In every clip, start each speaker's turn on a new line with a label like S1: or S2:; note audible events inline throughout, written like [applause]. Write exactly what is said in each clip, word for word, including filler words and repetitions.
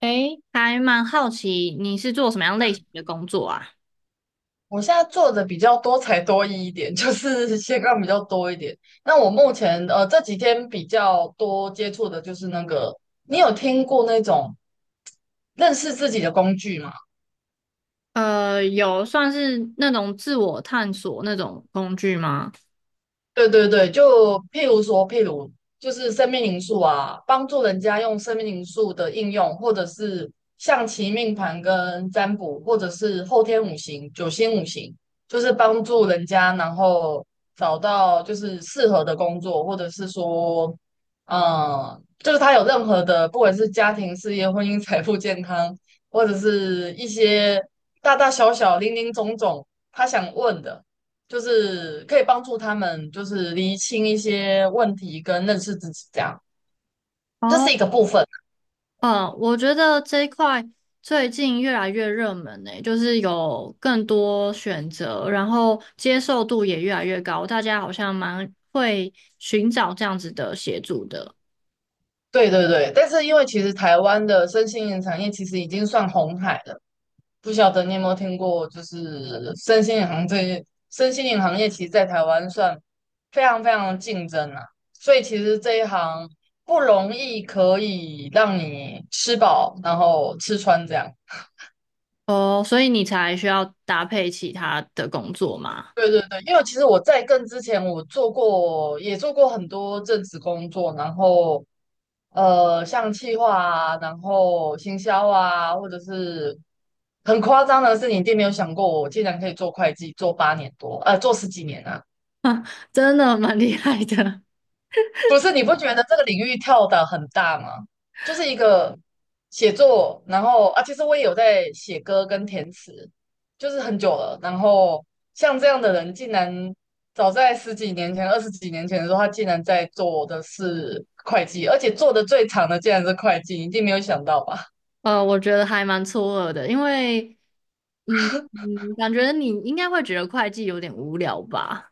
S1: 诶，还蛮好奇你是做什么样类型的工作啊？
S2: 我现在做的比较多才多艺一点，[laughs] 就是斜杠比较多一点。那我目前呃这几天比较多接触的就是那个，你有听过那种认识自己的工具吗？
S1: 呃，有算是那种自我探索那种工具吗？
S2: 对对对，就譬如说，譬如就是生命因素啊，帮助人家用生命因素的应用，或者是象棋命盘跟占卜，或者是后天五行、九星五行，就是帮助人家，然后找到就是适合的工作，或者是说，嗯，就是他有任何的，不管是家庭、事业、婚姻、财富、健康，或者是一些大大小小、零零总总，他想问的。就是可以帮助他们，就是厘清一些问题跟认识自己，这样这是一个
S1: 哦，
S2: 部分啊。
S1: 呃，我觉得这一块最近越来越热门呢、就是有更多选择，然后接受度也越来越高，大家好像蛮会寻找这样子的协助的。
S2: 对对对，但是因为其实台湾的身心灵产业其实已经算红海了，不晓得你有没有听过，就是身心灵行这身心灵行业其实在台湾算非常非常竞争啊，所以其实这一行不容易可以让你吃饱，然后吃穿这样。
S1: 哦，所以你才需要搭配其他的工作吗？
S2: 对对对，因为其实我在更之前，我做过也做过很多正职工作，然后呃，像企划啊，然后行销啊，或者是很夸张的是，你一定没有想过，我竟然可以做会计，做八年多，呃，做十几年啊。
S1: 真的蛮厉害的。
S2: 不是，你不觉得这个领域跳的很大吗？就是一个写作，然后啊，其实我也有在写歌跟填词，就是很久了。然后像这样的人，竟然早在十几年前、二十几年前的时候，他竟然在做的是会计，而且做的最长的竟然是会计，你一定没有想到吧？
S1: 呃，我觉得还蛮错愕的，因为，嗯嗯，感觉你应该会觉得会计有点无聊吧？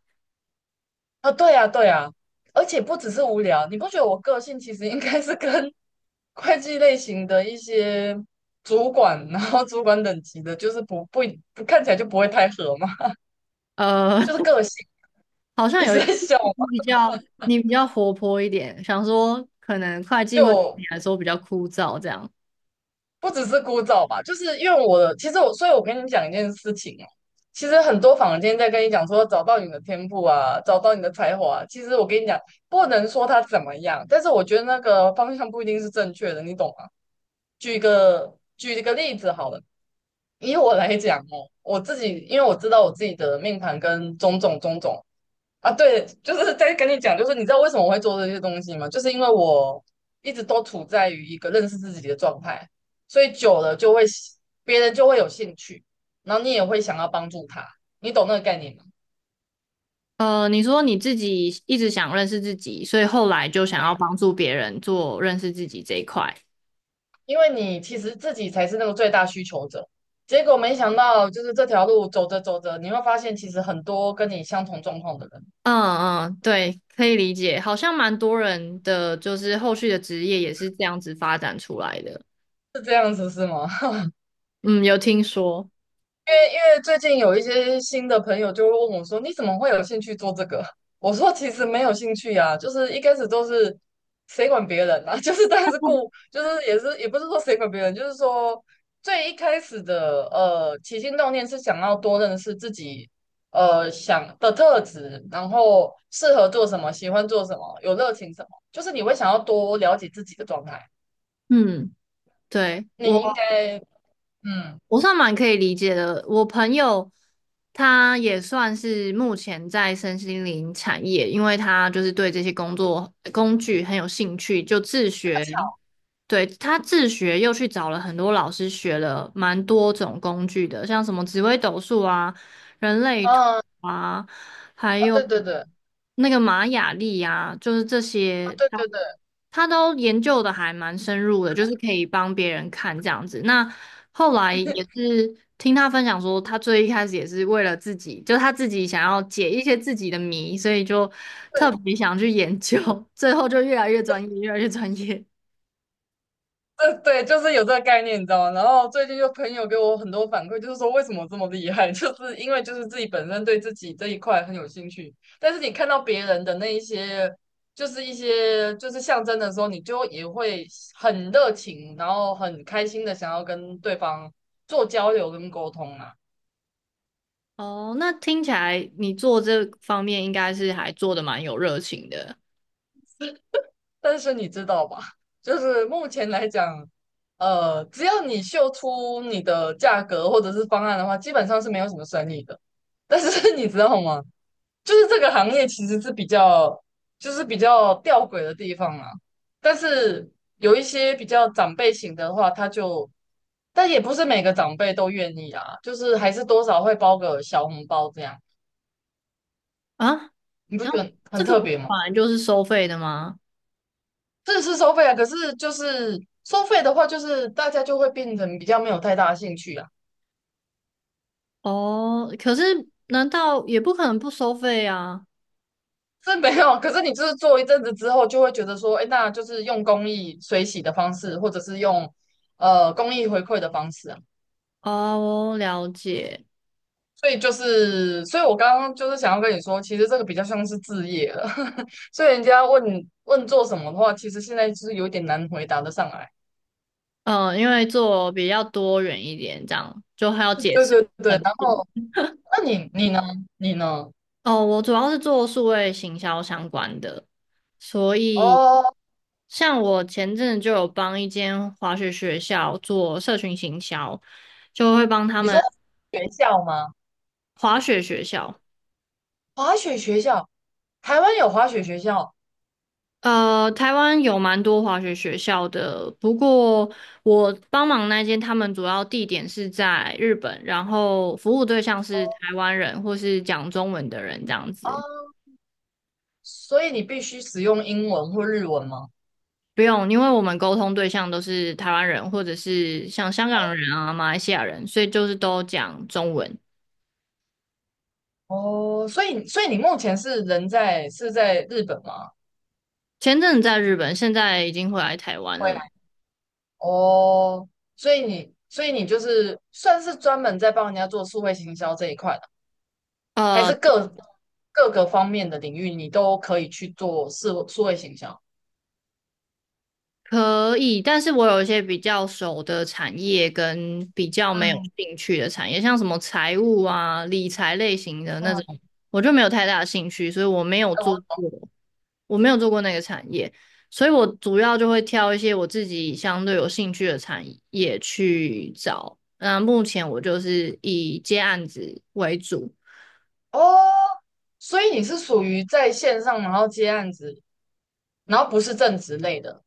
S2: 啊，对啊，对啊，而且不只是无聊，你不觉得我个性其实应该是跟 [laughs] 会计类型的一些主管，然后主管等级的，就是不不不看起来就不会太合嘛，
S1: 呃，
S2: 就是
S1: [laughs]
S2: 个性。
S1: 好像
S2: 你
S1: 有
S2: 是
S1: 一
S2: 在笑吗？
S1: 你比较你比较活泼一点，想说可能会计会对
S2: 就
S1: 你来说比较枯燥这样。
S2: 不只是枯燥吧，就是因为我的，其实我，所以我跟你讲一件事情哦，其实很多坊间在跟你讲说找到你的天赋啊，找到你的才华啊其实我跟你讲，不能说他怎么样，但是我觉得那个方向不一定是正确的，你懂吗？举一个举一个例子好了，以我来讲哦，我自己因为我知道我自己的命盘跟种种种种啊，对，就是在跟你讲，就是你知道为什么我会做这些东西吗？就是因为我一直都处在于一个认识自己的状态，所以久了就会喜别人就会有兴趣，然后你也会想要帮助他，你懂那个概念吗？
S1: 呃，你说你自己一直想认识自己，所以后来就想要帮助别人做认识自己这一块。
S2: 因为你其实自己才是那个最大需求者。结果没想到，就是这条路走着走着，你会发现其实很多跟你相同状况的人
S1: 嗯嗯，对，可以理解，好像蛮多人的就是后续的职业也是这样子发展出来的。
S2: 是这样子，是吗？
S1: 嗯，有听说。
S2: 因为因为最近有一些新的朋友就会问我说："你怎么会有兴趣做这个？" [laughs] 我说："其实没有兴趣呀、就是一开始都是谁管别人啊，[laughs] 就是但是顾，就是也是也不是说谁管别人，就是说最一开始的呃起心动念是想要多认识自己呃想的特质，然后适合做什么，喜欢做什么，有热情什么，就是你会想要多了解自己的状态。
S1: 嗯，对，
S2: 你应
S1: 我
S2: 该嗯
S1: 我算蛮可以理解的。我朋友他也算是目前在身心灵产业，因为他就是对这些工作工具很有兴趣，就自学。对，他自学又去找了很多老师学了蛮多种工具的，像什么紫微斗数啊、人类图。
S2: 嗯
S1: 啊。还
S2: 啊，
S1: 有
S2: 对对对
S1: 那个玛雅历呀、就是这
S2: 啊，
S1: 些，
S2: 对
S1: 他
S2: 对对。"
S1: 他都研究的还蛮深入的，就是可以帮别人看这样子。那后来也是听他分享说，他最一开始也是为了自己，就他自己想要解一些自己的谜，所以就特别想去研究，[laughs] 最后就越来越专业，越来越专业。
S2: 呃，对，就是有这个概念，你知道吗？然后最近就朋友给我很多反馈，就是说为什么我这么厉害，[laughs] 就是因为就是自己本身对自己这一块很有兴趣，但是你看到别人的那一些，就是一些就是象征的时候，你就也会很热情，然后很开心的想要跟对方做交流跟沟通啊。
S1: 哦，那听起来你做这方面应该是还做的蛮有热情的
S2: 但是你知道吧，就是目前来讲，呃，只要你秀出你的价格或者是方案的话，基本上是没有什么生意的。[laughs] 但是你知道吗？就是这个行业其实是比较，就是比较吊诡的地方啊。但是有一些比较长辈型的话，他就，但也不是每个长辈都愿意啊，就是还是多少会包个小红包这样，
S1: 啊。
S2: 你不
S1: 然
S2: 觉
S1: 后
S2: 得很
S1: 这个
S2: 特别吗？
S1: 本来就是收费的吗？
S2: 这是收费啊，可是就是收费的话，就是大家就会变成比较没有太大的兴趣啊。
S1: 哦，可是难道也不可能不收费啊？
S2: 这没有，可是你就是做一阵子之后，就会觉得说，哎，那就是用公益水洗的方式，或者是用呃公益回馈的方式啊。
S1: 哦，了解。
S2: 所以就是，所以我刚刚就是想要跟你说，其实这个比较像是置业了。[laughs] 所以人家问问做什么的话，其实现在就是有点难回答得上来。
S1: 嗯，因为做比较多元一点，这样就还要解
S2: 对
S1: 释
S2: 对
S1: 很
S2: 对，然
S1: 多。
S2: 后那你你呢？你呢？
S1: 哦，我主要是做数位行销相关的，所以
S2: 哦，
S1: 像我前阵子就有帮一间滑雪学校做社群行销，就会帮他
S2: 你说
S1: 们
S2: 学校吗？
S1: 滑雪学校。
S2: 滑雪学校，台湾有滑雪学校
S1: 呃，台湾有蛮多滑雪学校的，不过我帮忙那间，他们主要地点是在日本，然后服务对象是台湾人或是讲中文的人这样
S2: 啊，
S1: 子。
S2: 所以你必须使用英文或日文吗？
S1: 不用，因为我们沟通对象都是台湾人或者是像香港人啊、马来西亚人，所以就是都讲中文。
S2: 哦，所以所以你目前是人在是在日本吗？
S1: 前阵子在日本，现在已经回来台湾
S2: 会。
S1: 了。
S2: 哦，所以你，所以你就是算是专门在帮人家做数位行销这一块的，还
S1: 呃，
S2: 是各各个方面的领域你都可以去做数数位行销？
S1: 可以，但是我有一些比较熟的产业跟比较没有
S2: 嗯
S1: 兴趣的产业，像什么财务啊、理财类型的那种，
S2: 嗯，
S1: 我就没有太大的兴趣，所以我没有
S2: 哎
S1: 做
S2: 我
S1: 过，我没有做过那个产业，所以我主要就会挑一些我自己相对有兴趣的产业去找。那目前我就是以接案子为主，
S2: 哦，所以你是属于在线上，然后接案子，然后不是正职类的。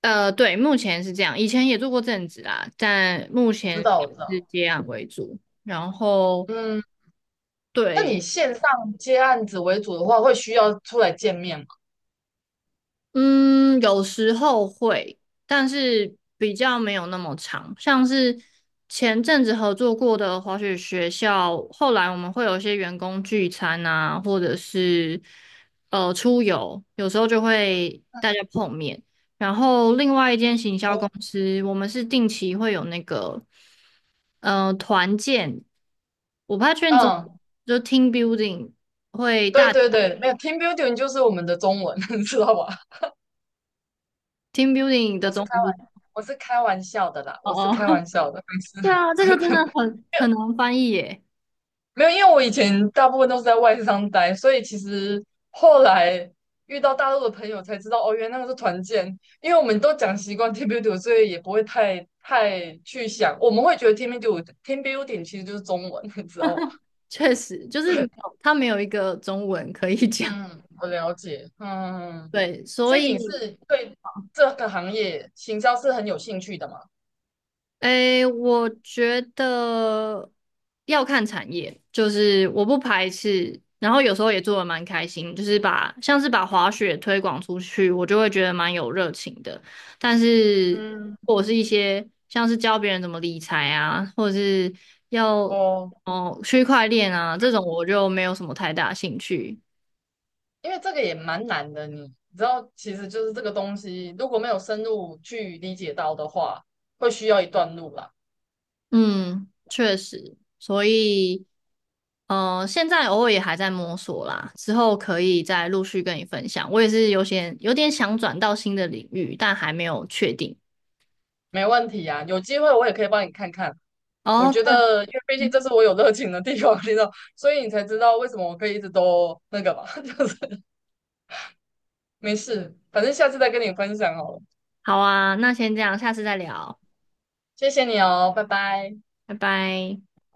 S1: 呃，对，目前是这样，以前也做过正职啦，但目
S2: 我知
S1: 前
S2: 道，我知
S1: 是
S2: 道。
S1: 接案为主，然后。
S2: 嗯，那
S1: 对，
S2: 你线上接案子为主的话，会需要出来见面吗？
S1: 嗯，有时候会，但是比较没有那么长。像是前阵子合作过的滑雪学校，后来我们会有一些员工聚餐啊，或者是呃出游，有时候就会大家碰面。然后另外一间行销
S2: 哦，
S1: 公司，我们是定期会有那个呃团建，我怕太确定中，
S2: 嗯，
S1: 就 team building 会
S2: 对
S1: 大
S2: 对对，没有 team building 就是我们的中文，[laughs] 知道吧？
S1: team building 的
S2: 我是
S1: 中
S2: 开
S1: 文是
S2: 玩，我是开玩笑的啦，
S1: 哦
S2: 我是开
S1: 哦。
S2: 玩笑的，没事，
S1: 对啊，这个真的
S2: [laughs]
S1: 很很难翻译耶，
S2: 没有，因为我以前大部分都是在外商待，所以其实后来遇到大陆的朋友才知道，哦，原来那个是团建，因为我们都讲习惯 team building，所以也不会太太去想，我们会觉得 team building team building 其实就是中文，[laughs] 你知道吗？
S1: 确实就是没
S2: 对，
S1: 有，它没有一个中文可以 [laughs] 讲。
S2: 嗯，我了解，嗯，
S1: 对，所
S2: 所以你
S1: 以，
S2: 是对这个行业行销是很有兴趣的嘛？
S1: 诶，我觉得要看产业，就是我不排斥，然后有时候也做的蛮开心，就是把像是把滑雪推广出去，我就会觉得蛮有热情的。但是，
S2: 嗯，
S1: 或者是一些像是教别人怎么理财啊，或者是要
S2: 哦。
S1: 哦区块链啊这种，我就没有什么太大兴趣。
S2: 因为这个也蛮难的，你知道，其实就是这个东西，如果没有深入去理解到的话，会需要一段路啦。
S1: 嗯，确实，所以，呃，现在偶尔也还在摸索啦，之后可以再陆续跟你分享。我也是有些有点想转到新的领域，但还没有确定。
S2: 没问题啊，有机会我也可以帮你看看。我
S1: 哦，
S2: 觉
S1: 对，
S2: 得，因为毕竟这是我有热情的地方，你知道，所以你才知道为什么我可以一直都那个吧，[laughs] 就是没事，反正下次再跟你分享好了。
S1: 好啊，那先这样，下次再聊，
S2: 谢谢你哦，拜拜。
S1: 拜拜。